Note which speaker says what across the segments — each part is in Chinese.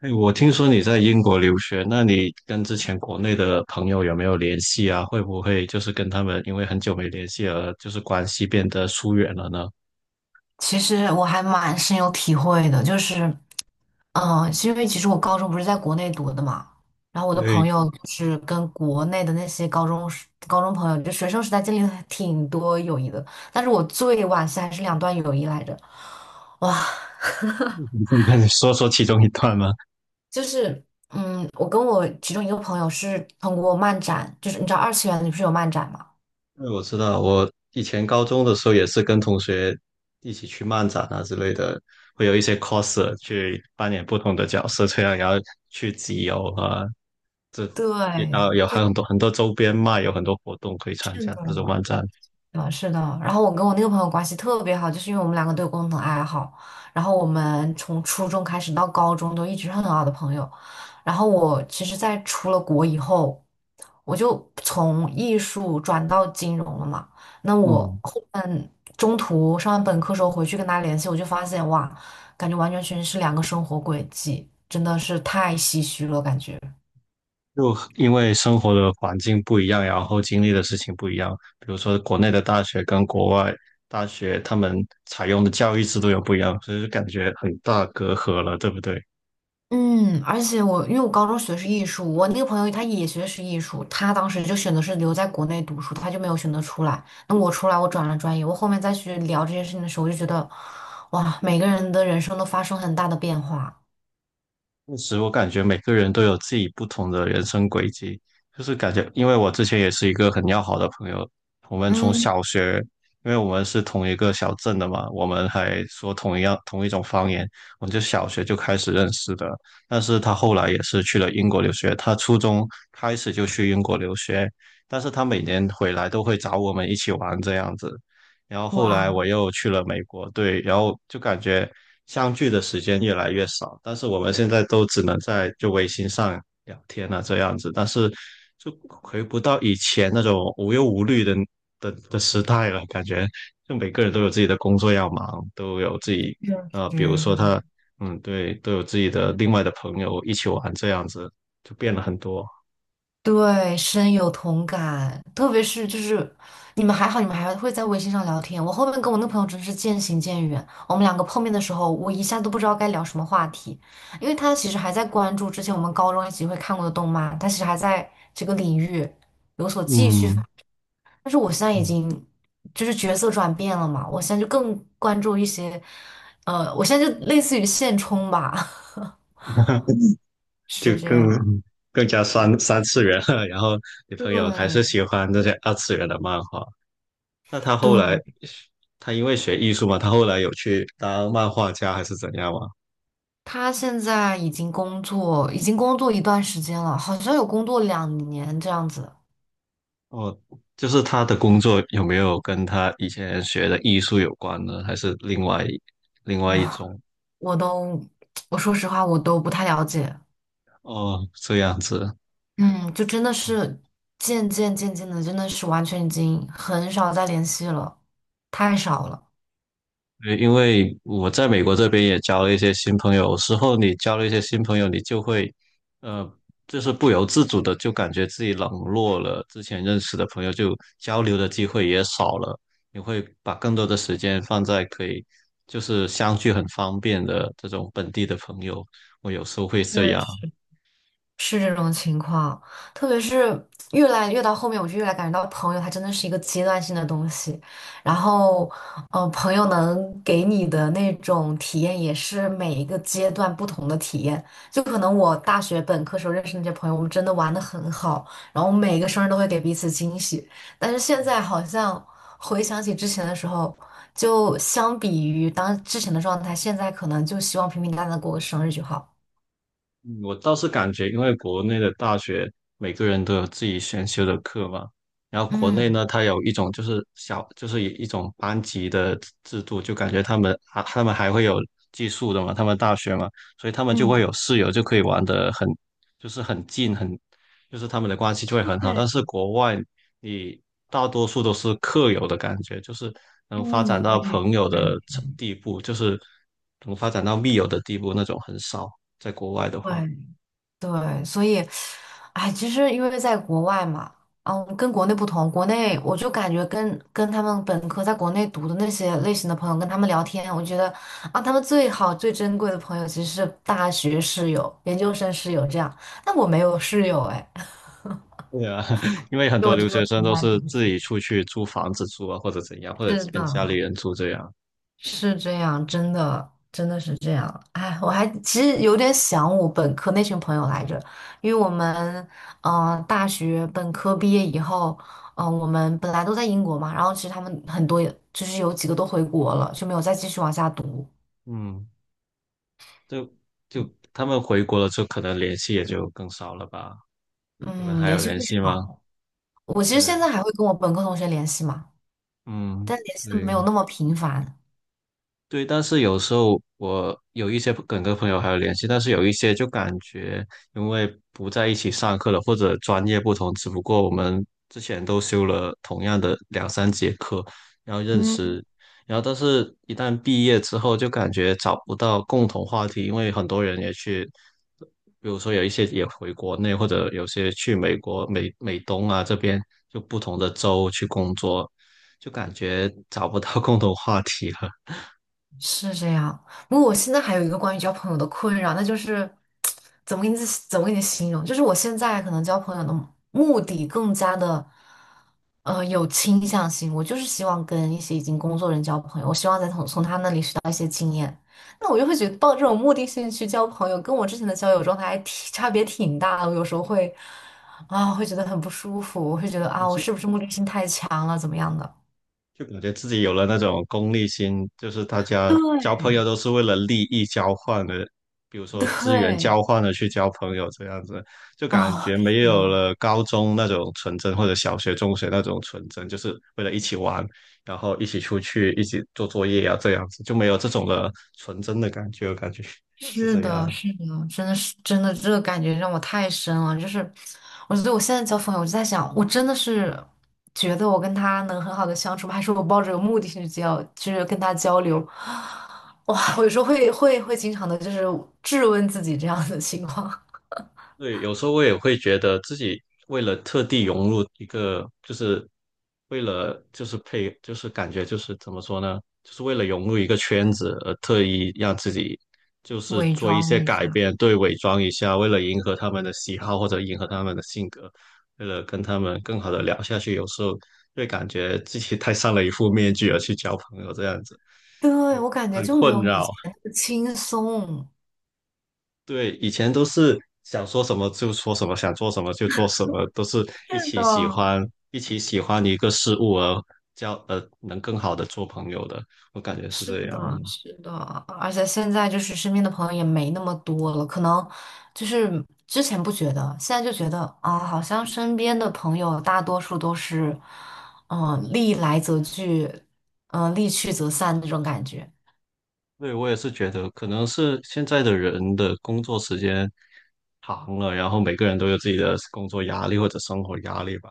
Speaker 1: 哎，我听说你在英国留学，那你跟之前国内的朋友有没有联系啊？会不会跟他们因为很久没联系而关系变得疏远了呢？
Speaker 2: 其实我还蛮深有体会的，就是，是因为其实我高中不是在国内读的嘛，然后我的朋
Speaker 1: 对，
Speaker 2: 友就是跟国内的那些高中朋友，就学生时代经历了挺多友谊的，但是我最惋惜还是两段友谊来着，哇，
Speaker 1: 你可以跟你说说其中一段吗？
Speaker 2: 就是，我跟我其中一个朋友是通过漫展，就是你知道二次元里不是有漫展嘛？
Speaker 1: 因为我知道我以前高中的时候也是跟同学一起去漫展啊之类的，会有一些 coser 去扮演不同的角色，这样然后去集邮啊，然后
Speaker 2: 对，
Speaker 1: 有
Speaker 2: 就
Speaker 1: 还有很多很多周边卖，有很多活动可以参
Speaker 2: 认
Speaker 1: 加
Speaker 2: 识
Speaker 1: 这种
Speaker 2: 了。
Speaker 1: 漫展。
Speaker 2: 啊，是的。然后我跟我那个朋友关系特别好，就是因为我们两个都有共同爱好，然后我们从初中开始到高中都一直是很好的朋友。然后我其实，在出了国以后，我就从艺术转到金融了嘛。那我
Speaker 1: 嗯，
Speaker 2: 后面中途上完本科时候回去跟他联系，我就发现哇，感觉完全是两个生活轨迹，真的是太唏嘘了，感觉。
Speaker 1: 就因为生活的环境不一样，然后经历的事情不一样，比如说国内的大学跟国外大学，他们采用的教育制度又不一样，所以就感觉很大隔阂了，对不对？
Speaker 2: 而且因为我高中学的是艺术，我那个朋友他也学的是艺术，他当时就选择是留在国内读书，他就没有选择出来。那我出来，我转了专业，我后面再去聊这件事情的时候，我就觉得，哇，每个人的人生都发生很大的变化。
Speaker 1: 确实，我感觉每个人都有自己不同的人生轨迹，就是感觉，因为我之前也是一个很要好的朋友，我们从
Speaker 2: 嗯，
Speaker 1: 小学，因为我们是同一个小镇的嘛，我们还说同一种方言，我们就小学就开始认识的。但是他后来也是去了英国留学，他初中开始就去英国留学，但是他每年回来都会找我们一起玩这样子，然后后
Speaker 2: 哇，
Speaker 1: 来我又去了美国，对，然后就感觉相聚的时间越来越少，但是我们现在都只能在微信上聊天啊这样子，但是就回不到以前那种无忧无虑的时代了，感觉就每个人都有自己的工作要忙，都有自己
Speaker 2: 确
Speaker 1: 比如
Speaker 2: 实。
Speaker 1: 说他对，都有自己的另外的朋友一起玩这样子，就变了很多，
Speaker 2: 对，深有同感，特别是就是你们还好，你们还会在微信上聊天。我后面跟我那朋友真是渐行渐远，我们两个碰面的时候，我一下都不知道该聊什么话题，因为他其实还在关注之前我们高中一起会看过的动漫，他其实还在这个领域有所继续发
Speaker 1: 嗯。
Speaker 2: 但是我现在已经就是角色转变了嘛，我现在就更关注一些，我现在就类似于现充吧，
Speaker 1: 就
Speaker 2: 是这样，
Speaker 1: 更加三次元了。然后你朋友还是
Speaker 2: 对
Speaker 1: 喜欢那些二次元的漫画，那他后
Speaker 2: 对。
Speaker 1: 来他因为学艺术嘛，他后来有去当漫画家还是怎样吗？
Speaker 2: 他现在已经工作，已经工作一段时间了，好像有工作2年这样子。
Speaker 1: 哦，就是他的工作有没有跟他以前学的艺术有关呢？还是另外一
Speaker 2: 哇，
Speaker 1: 种？
Speaker 2: 我都，我说实话，我都不太了解。
Speaker 1: 哦，这样子。
Speaker 2: 嗯，就真的是渐渐渐渐的，真的是完全已经很少再联系了，太少了。
Speaker 1: 对，因为我在美国这边也交了一些新朋友，有时候你交了一些新朋友，你就会，呃，就是不由自主的就感觉自己冷落了之前认识的朋友，就交流的机会也少了。你会把更多的时间放在可以相聚很方便的这种本地的朋友，我有时候会这
Speaker 2: 确
Speaker 1: 样。
Speaker 2: 实。是这种情况，特别是越来越到后面，我就越来感觉到朋友它真的是一个阶段性的东西。然后，朋友能给你的那种体验也是每一个阶段不同的体验。就可能我大学本科时候认识那些朋友，我们真的玩的很好，然后每个生日都会给彼此惊喜。但是现在好像回想起之前的时候，就相比于当之前的状态，现在可能就希望平平淡淡地过个生日就好。
Speaker 1: 嗯，我倒是感觉，因为国内的大学每个人都有自己选修的课嘛，然后国内
Speaker 2: 嗯
Speaker 1: 呢，它有一种就是小，就是一种班级的制度，就感觉他们还会有寄宿的嘛，他们大学嘛，所以他们就会
Speaker 2: 嗯，
Speaker 1: 有室友，就可以玩的很，就是很近，很，就是他们的关系就会很好。
Speaker 2: 对。
Speaker 1: 但是国外，你大多数都是课友的感觉，就是能发
Speaker 2: 嗯，
Speaker 1: 展
Speaker 2: 我
Speaker 1: 到
Speaker 2: 也
Speaker 1: 朋友的地步，就是能发展到密友的地步那种很少。在国外的话，
Speaker 2: 对对，所以，哎，其实因为在国外嘛，跟国内不同，国内我就感觉跟他们本科在国内读的那些类型的朋友跟他们聊天，我觉得啊，他们最好最珍贵的朋友其实是大学室友、研究生室友这样，但我没有室友哎，
Speaker 1: 对啊，因为很
Speaker 2: 就
Speaker 1: 多
Speaker 2: 我只
Speaker 1: 留
Speaker 2: 有
Speaker 1: 学生
Speaker 2: 同
Speaker 1: 都
Speaker 2: 班
Speaker 1: 是
Speaker 2: 同
Speaker 1: 自
Speaker 2: 学。
Speaker 1: 己出去租房子住啊，或者怎样，或者
Speaker 2: 是
Speaker 1: 跟家里
Speaker 2: 的，
Speaker 1: 人住这样。
Speaker 2: 是这样，真的，真的是这样。哎，我还其实有点想我本科那群朋友来着，因为我们，大学本科毕业以后，我们本来都在英国嘛，然后其实他们很多也，就是有几个都回国了，就没有再继续往下读。
Speaker 1: 嗯，就就他们回国了之后，就可能联系也就更少了吧？你们
Speaker 2: 嗯，
Speaker 1: 还
Speaker 2: 联
Speaker 1: 有
Speaker 2: 系
Speaker 1: 联
Speaker 2: 会少
Speaker 1: 系吗？
Speaker 2: 了我其实现
Speaker 1: 对，
Speaker 2: 在还会跟我本科同学联系嘛，
Speaker 1: 嗯，
Speaker 2: 但联系的没有
Speaker 1: 对。
Speaker 2: 那么频繁。
Speaker 1: 对，但是有时候我有一些梗跟个朋友还有联系，但是有一些就感觉因为不在一起上课了，或者专业不同，只不过我们之前都修了同样的两三节课，然后认
Speaker 2: 嗯。
Speaker 1: 识，然后但是一旦毕业之后，就感觉找不到共同话题，因为很多人也去，比如说有一些也回国内，或者有些去美国、美东啊这边，就不同的州去工作，就感觉找不到 共同话题了。
Speaker 2: 是这样。不过我现在还有一个关于交朋友的困扰，那就是怎么给你怎么给你形容？就是我现在可能交朋友的目的更加的有倾向性，我就是希望跟一些已经工作人交朋友，我希望再从他那里学到一些经验。那我就会觉得抱这种目的性去交朋友，跟我之前的交友状态还挺差别挺大的。我有时候会觉得很不舒服，我会觉得啊，我
Speaker 1: 是。
Speaker 2: 是不是目的性太强了，怎么样的？
Speaker 1: 就感觉自己有了那种功利心，就是大家
Speaker 2: 对，
Speaker 1: 交朋友都是为了利益交换的，比如说资源
Speaker 2: 对，
Speaker 1: 交换的去交朋友这样子，就 感
Speaker 2: 哦，
Speaker 1: 觉
Speaker 2: 是
Speaker 1: 没有
Speaker 2: 的。
Speaker 1: 了高中那种纯真，或者小学、中学那种纯真，就是为了一起玩，然后一起出去，一起做作业啊，这样子就没有这种的纯真的感觉，我感觉 是
Speaker 2: 是
Speaker 1: 这
Speaker 2: 的，
Speaker 1: 样。
Speaker 2: 是的，真的是真的，这个感觉让我太深了。就是，我觉得我现在交朋友，我就在想，我真的是觉得我跟他能很好的相处吗？还是我抱着有目的性去交，就是跟他交流？哇，我有时候会经常的，就是质问自己这样的情况。
Speaker 1: 对，有时候我也会觉得自己为了特地融入一个，就是为了就是配，就是感觉就是怎么说呢，就是为了融入一个圈子而特意让自己就 是
Speaker 2: 伪
Speaker 1: 做一些
Speaker 2: 装一
Speaker 1: 改
Speaker 2: 下。
Speaker 1: 变，对，伪装一下，为了迎合他们的喜好或者迎合他们的性格，为了跟他们更好的聊下去，有时候会感觉自己戴上了一副面具而去交朋友，这样子
Speaker 2: 对，
Speaker 1: 就
Speaker 2: 我感觉
Speaker 1: 很
Speaker 2: 就没
Speaker 1: 困
Speaker 2: 有以
Speaker 1: 扰。
Speaker 2: 前那么轻松。
Speaker 1: 对，以前都是想说什么就说什么，想做什么就做什么，都是一
Speaker 2: 是
Speaker 1: 起喜
Speaker 2: 的。
Speaker 1: 欢，一起喜欢一个事物而交，能更好的做朋友的，我感觉是
Speaker 2: 是
Speaker 1: 这样。
Speaker 2: 的，是的，而且现在就是身边的朋友也没那么多了，可能就是之前不觉得，现在就觉得啊，好像身边的朋友大多数都是，利来则聚，利去则散那种感觉。
Speaker 1: 对，我也是觉得，可能是现在的人的工作时间长了，然后每个人都有自己的工作压力或者生活压力吧，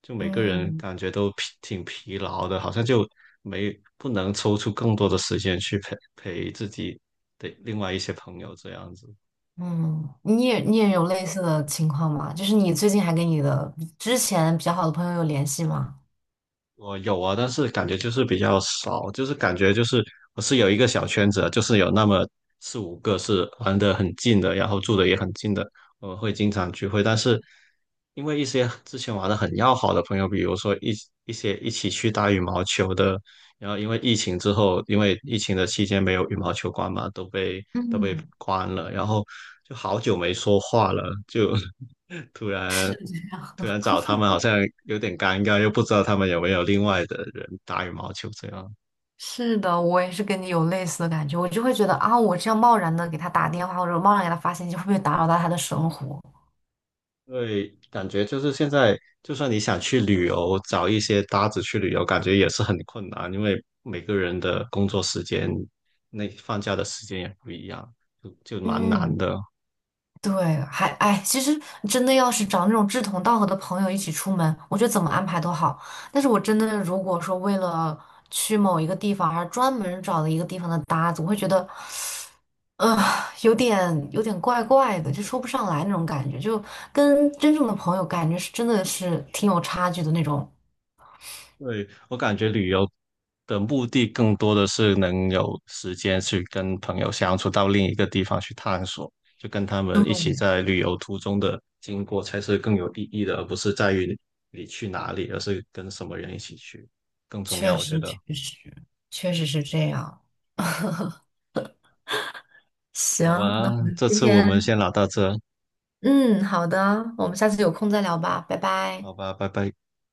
Speaker 1: 就每个人
Speaker 2: 嗯
Speaker 1: 感觉都挺疲劳的，好像就没不能抽出更多的时间去陪陪自己的另外一些朋友这样子。
Speaker 2: 嗯，你也有类似的情况吗？就是你最近还跟你的之前比较好的朋友有联系吗？
Speaker 1: 我有啊，但是感觉就是比较少，就是感觉就是我是有一个小圈子的，就是有那么四五个是玩的很近的，然后住的也很近的，我们会经常聚会。但是因为一些之前玩的很要好的朋友，比如说一些一起去打羽毛球的，然后因为疫情之后，因为疫情的期间没有羽毛球馆嘛，都被
Speaker 2: 嗯，
Speaker 1: 关了，然后就好久没说话了，就 突然
Speaker 2: 是
Speaker 1: 突然找他们好像有点尴尬，又不知道他们有没有另外的人打羽毛球这样。
Speaker 2: 是的，我也是跟你有类似的感觉，我就会觉得啊，我这样贸然的给他打电话，或者贸然给他发信息，会不会打扰到他的生活？
Speaker 1: 对，感觉就是现在，就算你想去旅游，找一些搭子去旅游，感觉也是很困难，因为每个人的工作时间、那放假的时间也不一样，就蛮难
Speaker 2: 嗯，
Speaker 1: 的。
Speaker 2: 对，还哎，其实真的要是找那种志同道合的朋友一起出门，我觉得怎么安排都好。但是我真的如果说为了去某一个地方而专门找了一个地方的搭子，我会觉得，呃，有点怪怪的，就说不上来那种感觉，就跟真正的朋友感觉是真的是挺有差距的那种。
Speaker 1: 对，我感觉旅游的目的更多的是能有时间去跟朋友相处，到另一个地方去探索，就跟他们一起在旅游途中的经过才是更有意义的，而不是在于你去哪里，而是跟什么人一起去更重要，
Speaker 2: 确
Speaker 1: 我觉
Speaker 2: 实，
Speaker 1: 得。
Speaker 2: 确实，确实是这样。
Speaker 1: 好
Speaker 2: 行，那
Speaker 1: 吧，
Speaker 2: 我们
Speaker 1: 这
Speaker 2: 今
Speaker 1: 次我们
Speaker 2: 天，
Speaker 1: 先聊到这，
Speaker 2: 嗯，好的，我们下次有空再聊吧，拜拜。
Speaker 1: 好吧，拜拜。